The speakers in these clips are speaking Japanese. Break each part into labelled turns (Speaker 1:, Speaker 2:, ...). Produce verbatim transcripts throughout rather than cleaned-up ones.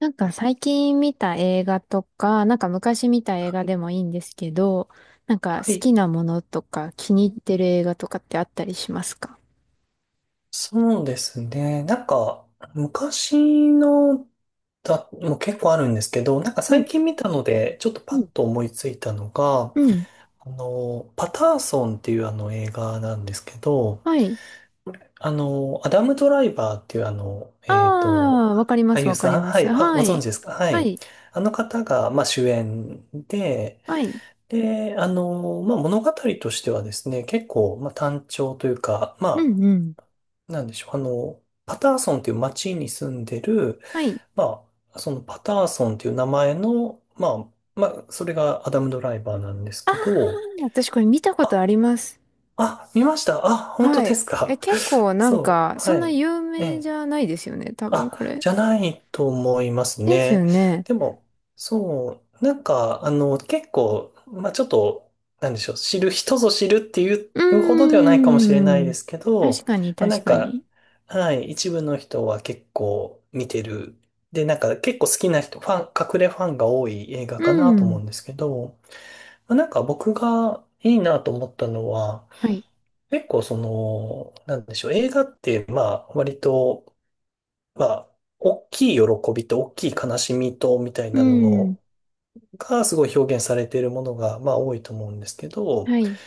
Speaker 1: なんか最近見た映画とか、なんか昔見た映画でもいいんですけど、なんか
Speaker 2: は
Speaker 1: 好
Speaker 2: い、
Speaker 1: きなものとか気に入ってる映画とかってあったりしますか？
Speaker 2: そうですね。なんか、昔のだ、もう結構あるんですけど、なんか
Speaker 1: は
Speaker 2: 最
Speaker 1: い。
Speaker 2: 近見たので、ちょっと
Speaker 1: う
Speaker 2: パッ
Speaker 1: ん。
Speaker 2: と思いついたのが、
Speaker 1: うん。
Speaker 2: あの、パターソンっていうあの映画なんですけど、
Speaker 1: はい。
Speaker 2: あの、アダム・ドライバーっていうあの、
Speaker 1: あ
Speaker 2: えっと、
Speaker 1: あ、わかりま
Speaker 2: 俳
Speaker 1: す、
Speaker 2: 優
Speaker 1: わかり
Speaker 2: さん、
Speaker 1: ま
Speaker 2: は
Speaker 1: す。
Speaker 2: い、あ、
Speaker 1: は
Speaker 2: ご存
Speaker 1: い。
Speaker 2: 知ですか？は
Speaker 1: は
Speaker 2: い。
Speaker 1: い。
Speaker 2: あの方が、まあ、主演で、
Speaker 1: はい。
Speaker 2: で、あの、まあ、物語としてはですね、結構、まあ、単調というか、
Speaker 1: う
Speaker 2: まあ、
Speaker 1: んうん。
Speaker 2: なんでしょう、あの、パターソンっていう町に住んでる、
Speaker 1: はい。
Speaker 2: まあ、そのパターソンっていう名前の、まあ、まあ、それがアダム・ドライバーなんです
Speaker 1: ああ、
Speaker 2: けど、
Speaker 1: 私これ見たことあ
Speaker 2: あ、
Speaker 1: ります。
Speaker 2: あ、見ました。あ、本当
Speaker 1: は
Speaker 2: で
Speaker 1: い。
Speaker 2: す
Speaker 1: え、
Speaker 2: か。
Speaker 1: 結構 なん
Speaker 2: そ
Speaker 1: か、
Speaker 2: う、
Speaker 1: そ
Speaker 2: は
Speaker 1: んな
Speaker 2: い。
Speaker 1: 有
Speaker 2: え
Speaker 1: 名
Speaker 2: え、
Speaker 1: じゃないですよね、多分
Speaker 2: あ、
Speaker 1: これ。
Speaker 2: じゃないと思います
Speaker 1: ですよ
Speaker 2: ね。
Speaker 1: ね。
Speaker 2: でも、そう、なんか、あの、結構、まあちょっと、なんでしょう、知る人ぞ知るっていう
Speaker 1: うー
Speaker 2: ほどではないかもしれない
Speaker 1: ん。
Speaker 2: ですけ
Speaker 1: 確
Speaker 2: ど、
Speaker 1: かに、
Speaker 2: まあな
Speaker 1: 確
Speaker 2: ん
Speaker 1: か
Speaker 2: か、
Speaker 1: に。
Speaker 2: はい、一部の人は結構見てる。で、なんか結構好きな人、ファン、隠れファンが多い映画
Speaker 1: う
Speaker 2: かなと思う
Speaker 1: ん。
Speaker 2: んですけど、まあなんか僕がいいなと思ったのは、
Speaker 1: はい。
Speaker 2: 結構その、なんでしょう、映画って、まあ割と、まあ、大きい喜びと大きい悲しみとみたい
Speaker 1: う
Speaker 2: なの
Speaker 1: ん。
Speaker 2: のがすごい表現されているものが、まあ、多いと思うんですけど、
Speaker 1: はい。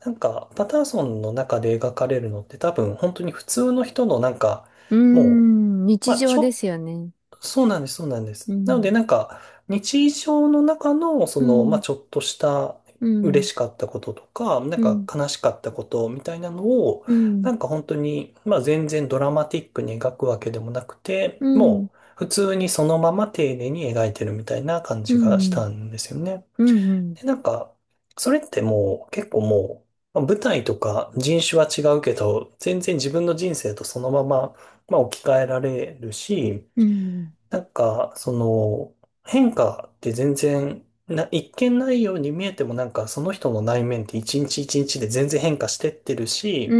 Speaker 2: なんか、パターソンの中で描かれるのって多分、本当に普通の人のなんか、
Speaker 1: う
Speaker 2: もう、
Speaker 1: ん。日
Speaker 2: まあ、ち
Speaker 1: 常
Speaker 2: ょ
Speaker 1: で
Speaker 2: っ
Speaker 1: すよね。
Speaker 2: そうなんです、そうなんで
Speaker 1: う
Speaker 2: す。なので、
Speaker 1: ん。
Speaker 2: なんか、日常の中の、そ
Speaker 1: う
Speaker 2: の、まあ、
Speaker 1: ん。
Speaker 2: ちょっとした
Speaker 1: うん。
Speaker 2: 嬉しかったこととか、なん
Speaker 1: う
Speaker 2: か
Speaker 1: ん。
Speaker 2: 悲しかったことみたいなのを、
Speaker 1: うん。
Speaker 2: なんか本当に、まあ、全然ドラマティックに描くわけでもなく
Speaker 1: う
Speaker 2: て、
Speaker 1: ん。
Speaker 2: もう、普通にそのまま丁寧に描いてるみたいな感
Speaker 1: う
Speaker 2: じがし
Speaker 1: ん。
Speaker 2: たんですよね。
Speaker 1: うん。うん。
Speaker 2: で、なんか、それってもう、結構もう、まあ舞台とか人種は違うけど、全然自分の人生とそのまま、まあ、置き換えられるし、
Speaker 1: うん。
Speaker 2: なんか、その、変化って全然、な、一見ないように見えてもなんかその人の内面って一日一日で全然変化してってる
Speaker 1: う
Speaker 2: し、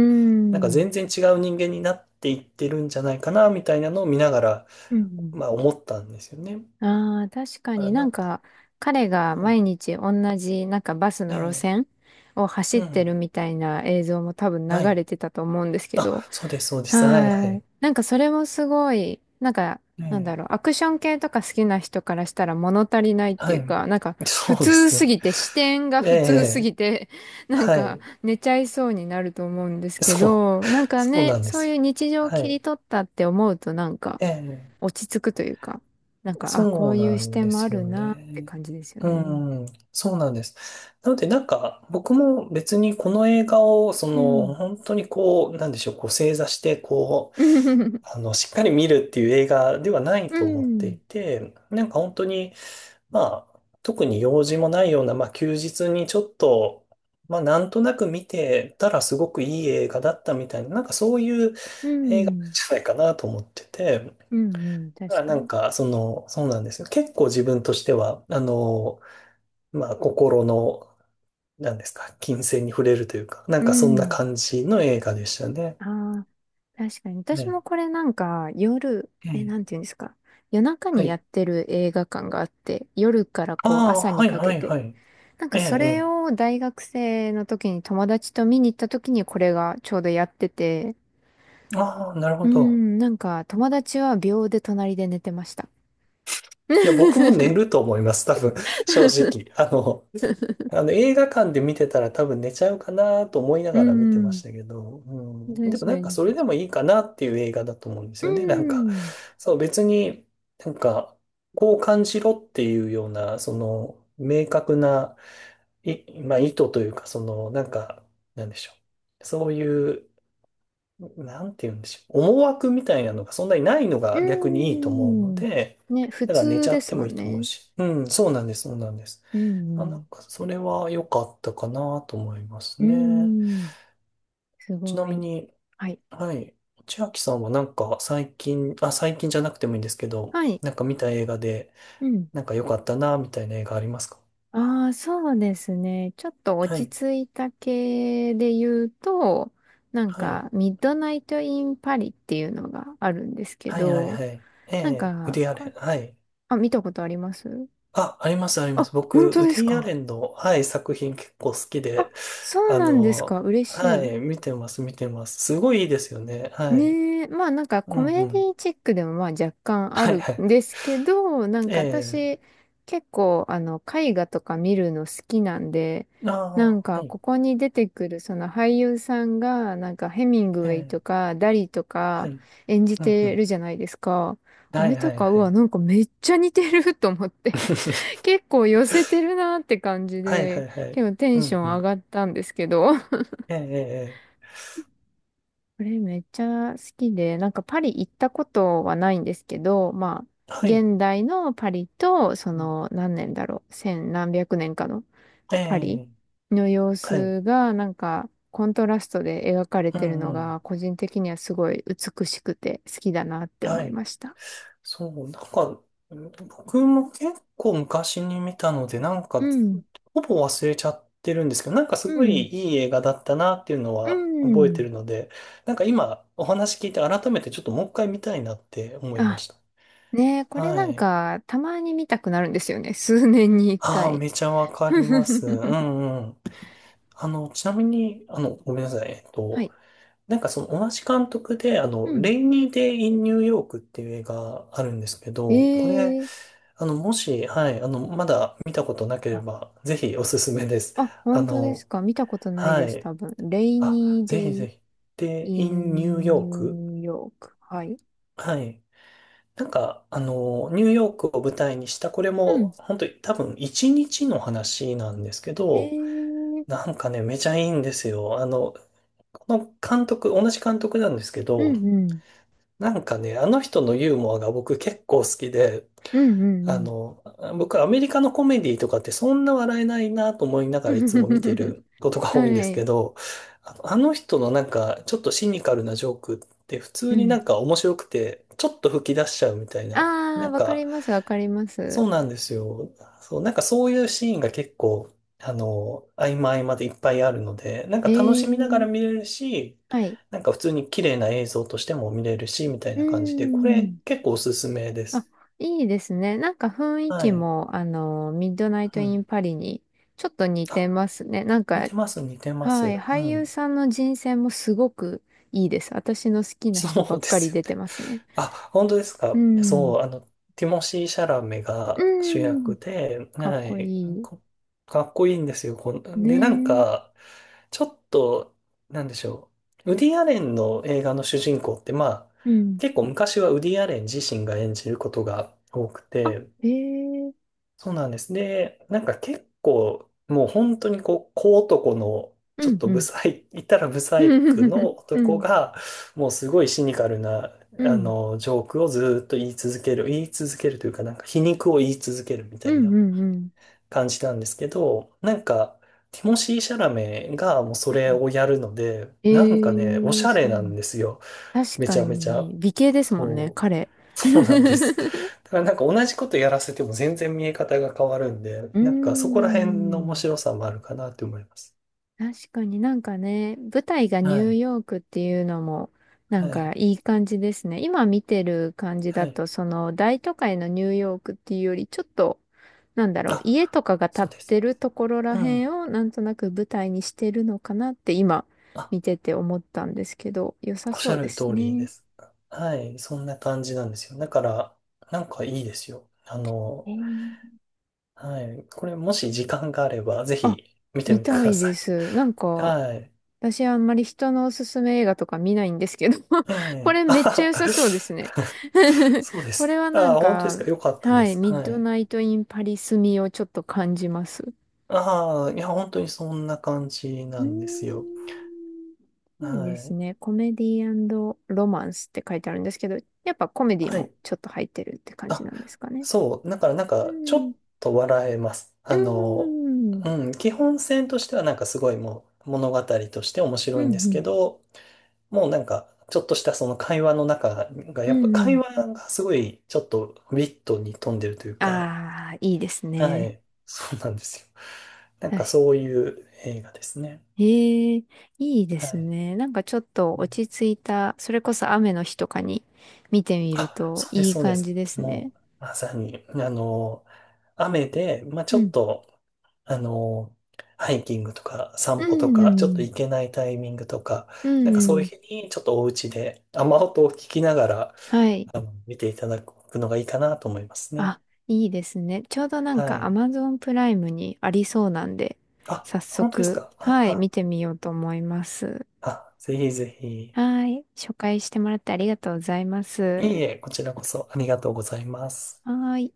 Speaker 2: なんか全然違う人間になっていってるんじゃないかな、みたいなのを見ながら、
Speaker 1: うん。
Speaker 2: まあ思ったんですよね。だ
Speaker 1: ああ、確か
Speaker 2: から
Speaker 1: にな
Speaker 2: な
Speaker 1: ん
Speaker 2: んか、
Speaker 1: か彼が
Speaker 2: はい。
Speaker 1: 毎日同じなんかバスの路
Speaker 2: ね
Speaker 1: 線を走
Speaker 2: え、
Speaker 1: っ
Speaker 2: う
Speaker 1: てる
Speaker 2: ん。
Speaker 1: みたいな映像も多分流
Speaker 2: はい。
Speaker 1: れてたと思うんですけど、
Speaker 2: あ、そうです、そうです。はい、は
Speaker 1: はい。
Speaker 2: い。
Speaker 1: なんかそれもすごい、なんか、なん
Speaker 2: ね
Speaker 1: だろう、アクション系とか好きな人からしたら物足りないっ
Speaker 2: え、
Speaker 1: て
Speaker 2: は
Speaker 1: いう
Speaker 2: い。
Speaker 1: か、なんか
Speaker 2: そ
Speaker 1: 普
Speaker 2: うで
Speaker 1: 通
Speaker 2: す
Speaker 1: す
Speaker 2: ね。
Speaker 1: ぎて、視点が
Speaker 2: え
Speaker 1: 普通すぎ
Speaker 2: え、
Speaker 1: て、なん
Speaker 2: は
Speaker 1: か
Speaker 2: い。
Speaker 1: 寝ちゃいそうになると思うんですけ
Speaker 2: そう、
Speaker 1: ど、なんか
Speaker 2: そう
Speaker 1: ね、
Speaker 2: なんで
Speaker 1: そう
Speaker 2: す
Speaker 1: いう
Speaker 2: よ。
Speaker 1: 日常を
Speaker 2: は
Speaker 1: 切り
Speaker 2: い。
Speaker 1: 取ったって思うとなんか、
Speaker 2: ええ、
Speaker 1: 落ち着くというか、なんか、あ、こ
Speaker 2: そう
Speaker 1: うい
Speaker 2: な
Speaker 1: う視
Speaker 2: んで
Speaker 1: 点もあ
Speaker 2: す
Speaker 1: る
Speaker 2: よ
Speaker 1: なって
Speaker 2: ね。
Speaker 1: 感じですよ
Speaker 2: う
Speaker 1: ね。
Speaker 2: ん、そうなんです。なので、なんか、僕も別にこの映画を、そ
Speaker 1: う
Speaker 2: の、
Speaker 1: ん。
Speaker 2: 本当にこう、なんでしょう、こう、正座して、こう、
Speaker 1: うん。
Speaker 2: あの、しっかり見るっていう映画ではない
Speaker 1: う
Speaker 2: と思ってい
Speaker 1: ん。
Speaker 2: て、なんか本当に、まあ、特に用事もないような、まあ、休日にちょっと、まあ、なんとなく見てたらすごくいい映画だったみたいな、なんかそういう
Speaker 1: う
Speaker 2: 映画じ
Speaker 1: ん。
Speaker 2: ゃないかなと思ってて、
Speaker 1: うん。
Speaker 2: だか
Speaker 1: 確
Speaker 2: らな
Speaker 1: か
Speaker 2: ん
Speaker 1: に。
Speaker 2: か、その、そうなんですよ。結構自分としては、あの、まあ、心の、なんですか、金銭に触れるというか、な
Speaker 1: う
Speaker 2: んかそんな
Speaker 1: ん。
Speaker 2: 感じの映画でしたね。
Speaker 1: ああ、確かに。私
Speaker 2: ね。
Speaker 1: もこれなんか、夜、
Speaker 2: え
Speaker 1: え、
Speaker 2: え。
Speaker 1: なんていうんですか。夜中
Speaker 2: は
Speaker 1: にや
Speaker 2: い。
Speaker 1: ってる映画館があって、夜から
Speaker 2: あ
Speaker 1: こう
Speaker 2: あ、
Speaker 1: 朝に
Speaker 2: はい
Speaker 1: か
Speaker 2: は
Speaker 1: け
Speaker 2: い
Speaker 1: て。
Speaker 2: はい。
Speaker 1: なんか
Speaker 2: ええ、
Speaker 1: それ
Speaker 2: え
Speaker 1: を大学生の時に友達と見に行った時にこれがちょうどやってて、
Speaker 2: え。ああ、なる
Speaker 1: う
Speaker 2: ほど。
Speaker 1: ん、なんか友達は秒で隣で寝てました。
Speaker 2: いや、僕も寝ると思います、多分、正
Speaker 1: うん。
Speaker 2: 直。あの、あの映画館で見てたら多分寝ちゃうかなと思いながら見てましたけど、う
Speaker 1: 確
Speaker 2: ん、でも
Speaker 1: か
Speaker 2: なんか
Speaker 1: に。
Speaker 2: それでもいいかなっていう映画だと思うんです
Speaker 1: う
Speaker 2: よね。なんか、
Speaker 1: ん。
Speaker 2: そう別になんかこう感じろっていうような、その明確な、い、まあ意図というか、そのなんか、なんでしょう。そういう、なんて言うんでしょう。思惑みたいなのがそんなにないのが逆に
Speaker 1: う
Speaker 2: いいと思うの
Speaker 1: ん。
Speaker 2: で、
Speaker 1: ね、普
Speaker 2: だから寝
Speaker 1: 通
Speaker 2: ちゃ
Speaker 1: で
Speaker 2: って
Speaker 1: す
Speaker 2: も
Speaker 1: も
Speaker 2: い
Speaker 1: ん
Speaker 2: いと思う
Speaker 1: ね。
Speaker 2: し。うん、そうなんです、そうなんです。
Speaker 1: う
Speaker 2: あ、なん
Speaker 1: ん。
Speaker 2: か、それは良かったかなと思います
Speaker 1: う
Speaker 2: ね。
Speaker 1: ん。うん、す
Speaker 2: ちな
Speaker 1: ご
Speaker 2: み
Speaker 1: い。
Speaker 2: に、
Speaker 1: はい。
Speaker 2: はい。千秋さんはなんか最近、あ、最近じゃなくてもいいんですけど、
Speaker 1: はい。
Speaker 2: なんか見た映画で、
Speaker 1: うん。
Speaker 2: なんか良かったなみたいな映画ありますか？
Speaker 1: ああ、そうですね。ちょっと
Speaker 2: は
Speaker 1: 落ち
Speaker 2: い。
Speaker 1: 着いた系で言うと、なん
Speaker 2: はい。
Speaker 1: か、ミッドナイト・イン・パリっていうのがあるんですけ
Speaker 2: はいはい
Speaker 1: ど、
Speaker 2: はい。え
Speaker 1: なん
Speaker 2: え、ウデ
Speaker 1: か、
Speaker 2: ィア
Speaker 1: こ
Speaker 2: レン。はい。
Speaker 1: あ、見たことあります？
Speaker 2: あ、ありますありま
Speaker 1: あ、
Speaker 2: す。
Speaker 1: 本
Speaker 2: 僕、
Speaker 1: 当
Speaker 2: ウ
Speaker 1: で
Speaker 2: デ
Speaker 1: す
Speaker 2: ィア
Speaker 1: か？
Speaker 2: レンの、はい、作品結構好き
Speaker 1: あ、
Speaker 2: で、
Speaker 1: そう
Speaker 2: あ
Speaker 1: なんですか。
Speaker 2: の、
Speaker 1: 嬉し
Speaker 2: は
Speaker 1: い。
Speaker 2: い、見てます、見てます。すごいいいですよね。はい。
Speaker 1: ねえ、まあなんか
Speaker 2: う
Speaker 1: コ
Speaker 2: んう
Speaker 1: メディ
Speaker 2: ん。
Speaker 1: チックでもまあ若干あ
Speaker 2: はい
Speaker 1: る
Speaker 2: はい。
Speaker 1: んですけど、なん
Speaker 2: え
Speaker 1: か
Speaker 2: え。
Speaker 1: 私結構あの絵画とか見るの好きなんで、
Speaker 2: あ
Speaker 1: な
Speaker 2: あ、
Speaker 1: ん
Speaker 2: は
Speaker 1: か
Speaker 2: い。
Speaker 1: ここに出てくるその俳優さんがなんかヘミングウ
Speaker 2: え
Speaker 1: ェイ
Speaker 2: え、
Speaker 1: とかダリと
Speaker 2: は
Speaker 1: か
Speaker 2: い。う
Speaker 1: 演じ
Speaker 2: んう
Speaker 1: てる
Speaker 2: ん。
Speaker 1: じゃないですか。あ
Speaker 2: はい
Speaker 1: れと
Speaker 2: はい
Speaker 1: か、う
Speaker 2: は
Speaker 1: わ、
Speaker 2: い。
Speaker 1: なんかめっちゃ似てる と思って 結構寄せてるなって感じ
Speaker 2: はいは
Speaker 1: で、
Speaker 2: いはい。
Speaker 1: 結構テ
Speaker 2: う
Speaker 1: ンショ
Speaker 2: ん
Speaker 1: ン
Speaker 2: う
Speaker 1: 上
Speaker 2: ん。
Speaker 1: がったんですけど、
Speaker 2: ええ、ええ、ええ、
Speaker 1: これめっちゃ好きで、なんかパリ行ったことはないんですけど、まあ、
Speaker 2: はい。
Speaker 1: 現代のパリと、そ
Speaker 2: うん、
Speaker 1: の何年だろう、千何百年かの
Speaker 2: え
Speaker 1: パリ
Speaker 2: え、
Speaker 1: の様
Speaker 2: はい。
Speaker 1: 子が、なんかコントラストで描かれ
Speaker 2: う
Speaker 1: てるの
Speaker 2: んうん。
Speaker 1: が、個人的にはすごい美しくて好きだなって思
Speaker 2: は
Speaker 1: い
Speaker 2: い。
Speaker 1: ました。
Speaker 2: そう、なんか、僕も結構昔に見たので、なん
Speaker 1: う
Speaker 2: か、
Speaker 1: ん、
Speaker 2: ほぼ忘れちゃってるんですけど、なんかす
Speaker 1: う
Speaker 2: ごい
Speaker 1: ん、
Speaker 2: いい映画だったなっていうの
Speaker 1: う
Speaker 2: は覚えて
Speaker 1: ん。
Speaker 2: るので、なんか今お話聞いて改めてちょっともう一回見たいなって思いま
Speaker 1: あ、
Speaker 2: した。
Speaker 1: ねえ、これ
Speaker 2: は
Speaker 1: なん
Speaker 2: い。
Speaker 1: かたまに見たくなるんですよね。数年に一
Speaker 2: ああ、
Speaker 1: 回。
Speaker 2: めちゃわかります。う んうん。あの、ちなみに、あの、ごめんなさい。えっ
Speaker 1: は
Speaker 2: と、
Speaker 1: い。
Speaker 2: なんかその同じ監督で、あ
Speaker 1: う
Speaker 2: の、レ
Speaker 1: ん。
Speaker 2: イニーデイ・イン・ニューヨークっていう映画あるんですけど、これ、
Speaker 1: ええ、
Speaker 2: あの、もし、はい、あの、まだ見たことなければ、ぜひおすすめです。
Speaker 1: あ、
Speaker 2: あ
Speaker 1: 本当で
Speaker 2: の、
Speaker 1: すか？見たことない
Speaker 2: は
Speaker 1: です、
Speaker 2: い。
Speaker 1: 多分。レイ
Speaker 2: あ、
Speaker 1: ニー
Speaker 2: ぜ
Speaker 1: デ
Speaker 2: ひぜ
Speaker 1: イ・
Speaker 2: ひ。で、イ
Speaker 1: イ
Speaker 2: ン・ニュー
Speaker 1: ン・ニ
Speaker 2: ヨーク。
Speaker 1: ューヨーク。はい。
Speaker 2: はい。なんか、あの、ニューヨークを舞台にした、これ
Speaker 1: うん。
Speaker 2: も、本当に多分一日の話なんですけ
Speaker 1: え
Speaker 2: ど、
Speaker 1: ー、
Speaker 2: なんかね、めちゃいいんですよ。あの、この監督、同じ監督なんですけ
Speaker 1: う
Speaker 2: ど、
Speaker 1: んうん。
Speaker 2: なんかね、あの人のユーモアが僕結構好きで、
Speaker 1: うんう
Speaker 2: あ
Speaker 1: ん
Speaker 2: の、僕アメリカのコメディとかってそんな笑えないなと思いなが
Speaker 1: う
Speaker 2: らいつも見て
Speaker 1: ん。
Speaker 2: ることが多いんで
Speaker 1: は
Speaker 2: すけ
Speaker 1: い。
Speaker 2: ど、あのあの人のなんかちょっとシニカルなジョークって普
Speaker 1: う
Speaker 2: 通にな
Speaker 1: ん。
Speaker 2: んか面白くて、ちょっと吹き出しちゃうみたいな、
Speaker 1: あ
Speaker 2: な
Speaker 1: ー、
Speaker 2: ん
Speaker 1: わかり
Speaker 2: か、
Speaker 1: ます、わかります。
Speaker 2: そうなんですよ。そう、なんかそういうシーンが結構、あの、合間合間でいっぱいあるので、なんか
Speaker 1: え
Speaker 2: 楽しみなが
Speaker 1: ー、
Speaker 2: ら見れるし、
Speaker 1: はい。
Speaker 2: なんか普通に綺麗な映像としても見れるし、みたい
Speaker 1: うー
Speaker 2: な感じで、これ
Speaker 1: ん。
Speaker 2: 結構おすすめで
Speaker 1: あ、
Speaker 2: す。
Speaker 1: いいですね。なんか雰囲
Speaker 2: は
Speaker 1: 気
Speaker 2: い。
Speaker 1: も、あの、ミッドナイト・
Speaker 2: う
Speaker 1: イン・
Speaker 2: ん。
Speaker 1: パリにちょっと似て
Speaker 2: あ、
Speaker 1: ますね。なん
Speaker 2: 似
Speaker 1: か、
Speaker 2: てます、似てま
Speaker 1: はい。
Speaker 2: す。う
Speaker 1: 俳優
Speaker 2: ん。
Speaker 1: さんの人選もすごくいいです。私の好きな
Speaker 2: そ
Speaker 1: 人ば
Speaker 2: う
Speaker 1: っ
Speaker 2: で
Speaker 1: か
Speaker 2: す
Speaker 1: り出
Speaker 2: よ
Speaker 1: て
Speaker 2: ね。
Speaker 1: ますね。
Speaker 2: あ、本当です
Speaker 1: う
Speaker 2: か。
Speaker 1: ん。
Speaker 2: そう、あの、ティモシー・シャラメ
Speaker 1: う
Speaker 2: が主
Speaker 1: ん。
Speaker 2: 役で、
Speaker 1: かっ
Speaker 2: は
Speaker 1: こい
Speaker 2: い、
Speaker 1: い。
Speaker 2: こかっこいいんですよ。こんで、なん
Speaker 1: ね
Speaker 2: か、ちょっと、なんでしょう。ウディ・アレンの映画の主人公って、まあ、
Speaker 1: え。うん。
Speaker 2: 結構昔はウディ・アレン自身が演じることが多く
Speaker 1: あ、
Speaker 2: て、
Speaker 1: へえ。
Speaker 2: そうなんです。で、なんか結構、もう本当にこう、小男の、ち
Speaker 1: う
Speaker 2: ょっ
Speaker 1: ん
Speaker 2: と
Speaker 1: う
Speaker 2: ブ
Speaker 1: ん。
Speaker 2: サイ、言ったらブ サ
Speaker 1: う
Speaker 2: イク
Speaker 1: ん。
Speaker 2: の
Speaker 1: う
Speaker 2: 男
Speaker 1: ん。
Speaker 2: が、もうすごいシニカルな、
Speaker 1: う
Speaker 2: あ
Speaker 1: ん
Speaker 2: の、ジョークをずーっと言い続ける、言い続けるというか、なんか皮肉を言い続けるみた
Speaker 1: う
Speaker 2: い
Speaker 1: ん
Speaker 2: な
Speaker 1: うん。
Speaker 2: 感じなんですけど、なんか、ティモシー・シャラメがもうそ
Speaker 1: う
Speaker 2: れ
Speaker 1: ん、
Speaker 2: をやるので、なんかね、お
Speaker 1: え
Speaker 2: し
Speaker 1: え、
Speaker 2: ゃ
Speaker 1: そ
Speaker 2: れなん
Speaker 1: う。
Speaker 2: ですよ。
Speaker 1: 確
Speaker 2: めち
Speaker 1: か
Speaker 2: ゃめちゃ、
Speaker 1: に、美形ですもんね、
Speaker 2: そ
Speaker 1: 彼。
Speaker 2: う、そうなんです。だからなんか同じことやらせても全然見え方が変わるんで、
Speaker 1: うー
Speaker 2: なんかそこら辺の面
Speaker 1: ん。
Speaker 2: 白さもあるかなって思います。
Speaker 1: 確かになんかね、舞台が
Speaker 2: は
Speaker 1: ニュー
Speaker 2: い、
Speaker 1: ヨークっていうのも、なん
Speaker 2: は
Speaker 1: か
Speaker 2: い、
Speaker 1: いい感じですね。今見てる感じ
Speaker 2: は
Speaker 1: だ
Speaker 2: い。
Speaker 1: と、その大都会のニューヨークっていうより、ちょっと、なんだろう、
Speaker 2: あ、
Speaker 1: 家とかが建
Speaker 2: そう
Speaker 1: っ
Speaker 2: です、そ
Speaker 1: て
Speaker 2: うで
Speaker 1: る
Speaker 2: す。
Speaker 1: ところら
Speaker 2: う
Speaker 1: へ
Speaker 2: ん。
Speaker 1: んをなんとなく舞台にしてるのかなって今
Speaker 2: あ、
Speaker 1: 見てて思ったんですけど、良さ
Speaker 2: おっし
Speaker 1: そ
Speaker 2: ゃ
Speaker 1: うで
Speaker 2: る
Speaker 1: す
Speaker 2: 通りで
Speaker 1: ね。
Speaker 2: す。はい、そんな感じなんですよ。だから、なんかいいですよ。あの、
Speaker 1: えー、
Speaker 2: はい、これもし時間があれば、ぜ
Speaker 1: あ、
Speaker 2: ひ見て
Speaker 1: 見
Speaker 2: みてく
Speaker 1: た
Speaker 2: だ
Speaker 1: い
Speaker 2: さ
Speaker 1: で
Speaker 2: い。
Speaker 1: す。なんか、
Speaker 2: はい。
Speaker 1: 私はあんまり人のおすすめ映画とか見ないんですけど、
Speaker 2: え
Speaker 1: こ
Speaker 2: え。
Speaker 1: れ
Speaker 2: あ
Speaker 1: めっ
Speaker 2: は
Speaker 1: ちゃ良
Speaker 2: は
Speaker 1: さそうですね。
Speaker 2: そうで
Speaker 1: これ
Speaker 2: す。
Speaker 1: はなん
Speaker 2: ああ、本当です
Speaker 1: か、
Speaker 2: か。よかったで
Speaker 1: はい、
Speaker 2: す。
Speaker 1: ミッ
Speaker 2: は
Speaker 1: ド
Speaker 2: い。
Speaker 1: ナイト・イン・パリスみをちょっと感じます。
Speaker 2: ああ、いや、本当にそんな感じ
Speaker 1: う
Speaker 2: な
Speaker 1: ー
Speaker 2: んですよ。
Speaker 1: ん、
Speaker 2: は
Speaker 1: いいです
Speaker 2: い。
Speaker 1: ね。コメディロマンスって書いてあるんですけど、やっぱコメディ
Speaker 2: は
Speaker 1: も
Speaker 2: い。
Speaker 1: ちょっと入ってるって感じな
Speaker 2: あ、
Speaker 1: んですかね。
Speaker 2: そう。だから、なん
Speaker 1: う
Speaker 2: か、ちょ
Speaker 1: ん。
Speaker 2: っと笑えます。
Speaker 1: う
Speaker 2: あの、
Speaker 1: ん。
Speaker 2: うん、基本線としては、なんかすごいもう、物語として面
Speaker 1: う
Speaker 2: 白いんですけ
Speaker 1: ん。
Speaker 2: ど、もうなんか、ちょっとしたその会話の中が、
Speaker 1: う
Speaker 2: やっぱ
Speaker 1: ん。う
Speaker 2: 会
Speaker 1: ん。
Speaker 2: 話がすごい、ちょっとウィットに富んでるというか、
Speaker 1: ああー、いいです
Speaker 2: は
Speaker 1: ね。
Speaker 2: い。そうなんですよ。なんか
Speaker 1: 確
Speaker 2: そういう映画ですね。
Speaker 1: ええ、いいで
Speaker 2: は
Speaker 1: す
Speaker 2: い。
Speaker 1: ね。なんかちょっと
Speaker 2: うん、
Speaker 1: 落ち着いた、それこそ雨の日とかに見てみる
Speaker 2: あ、
Speaker 1: と
Speaker 2: そうです、
Speaker 1: いい
Speaker 2: そうで
Speaker 1: 感じ
Speaker 2: す。
Speaker 1: ですね。
Speaker 2: もう、まさに、あの、雨で、まあ、ち
Speaker 1: う
Speaker 2: ょっ
Speaker 1: ん。
Speaker 2: と、あの、ハイキングとか
Speaker 1: う
Speaker 2: 散歩と
Speaker 1: んう
Speaker 2: か、ちょっと
Speaker 1: ん。
Speaker 2: 行けないタイミングとか、
Speaker 1: う
Speaker 2: なんかそ
Speaker 1: んう
Speaker 2: うい
Speaker 1: ん。
Speaker 2: う日に、ちょっとお家で雨音を聞きながら、
Speaker 1: はい。
Speaker 2: あの、見ていただくのがいいかなと思いますね。
Speaker 1: あ、いいですね。ちょうどなん
Speaker 2: は
Speaker 1: か
Speaker 2: い。
Speaker 1: アマゾン プライムにありそうなんで、
Speaker 2: あ、
Speaker 1: 早
Speaker 2: 本当です
Speaker 1: 速、
Speaker 2: か
Speaker 1: はい、
Speaker 2: あ、
Speaker 1: 見てみようと思います。
Speaker 2: あ、あ、ぜひぜひ。い
Speaker 1: はい。紹介してもらってありがとうございま
Speaker 2: えい
Speaker 1: す。
Speaker 2: え、こちらこそありがとうございます。
Speaker 1: はーい。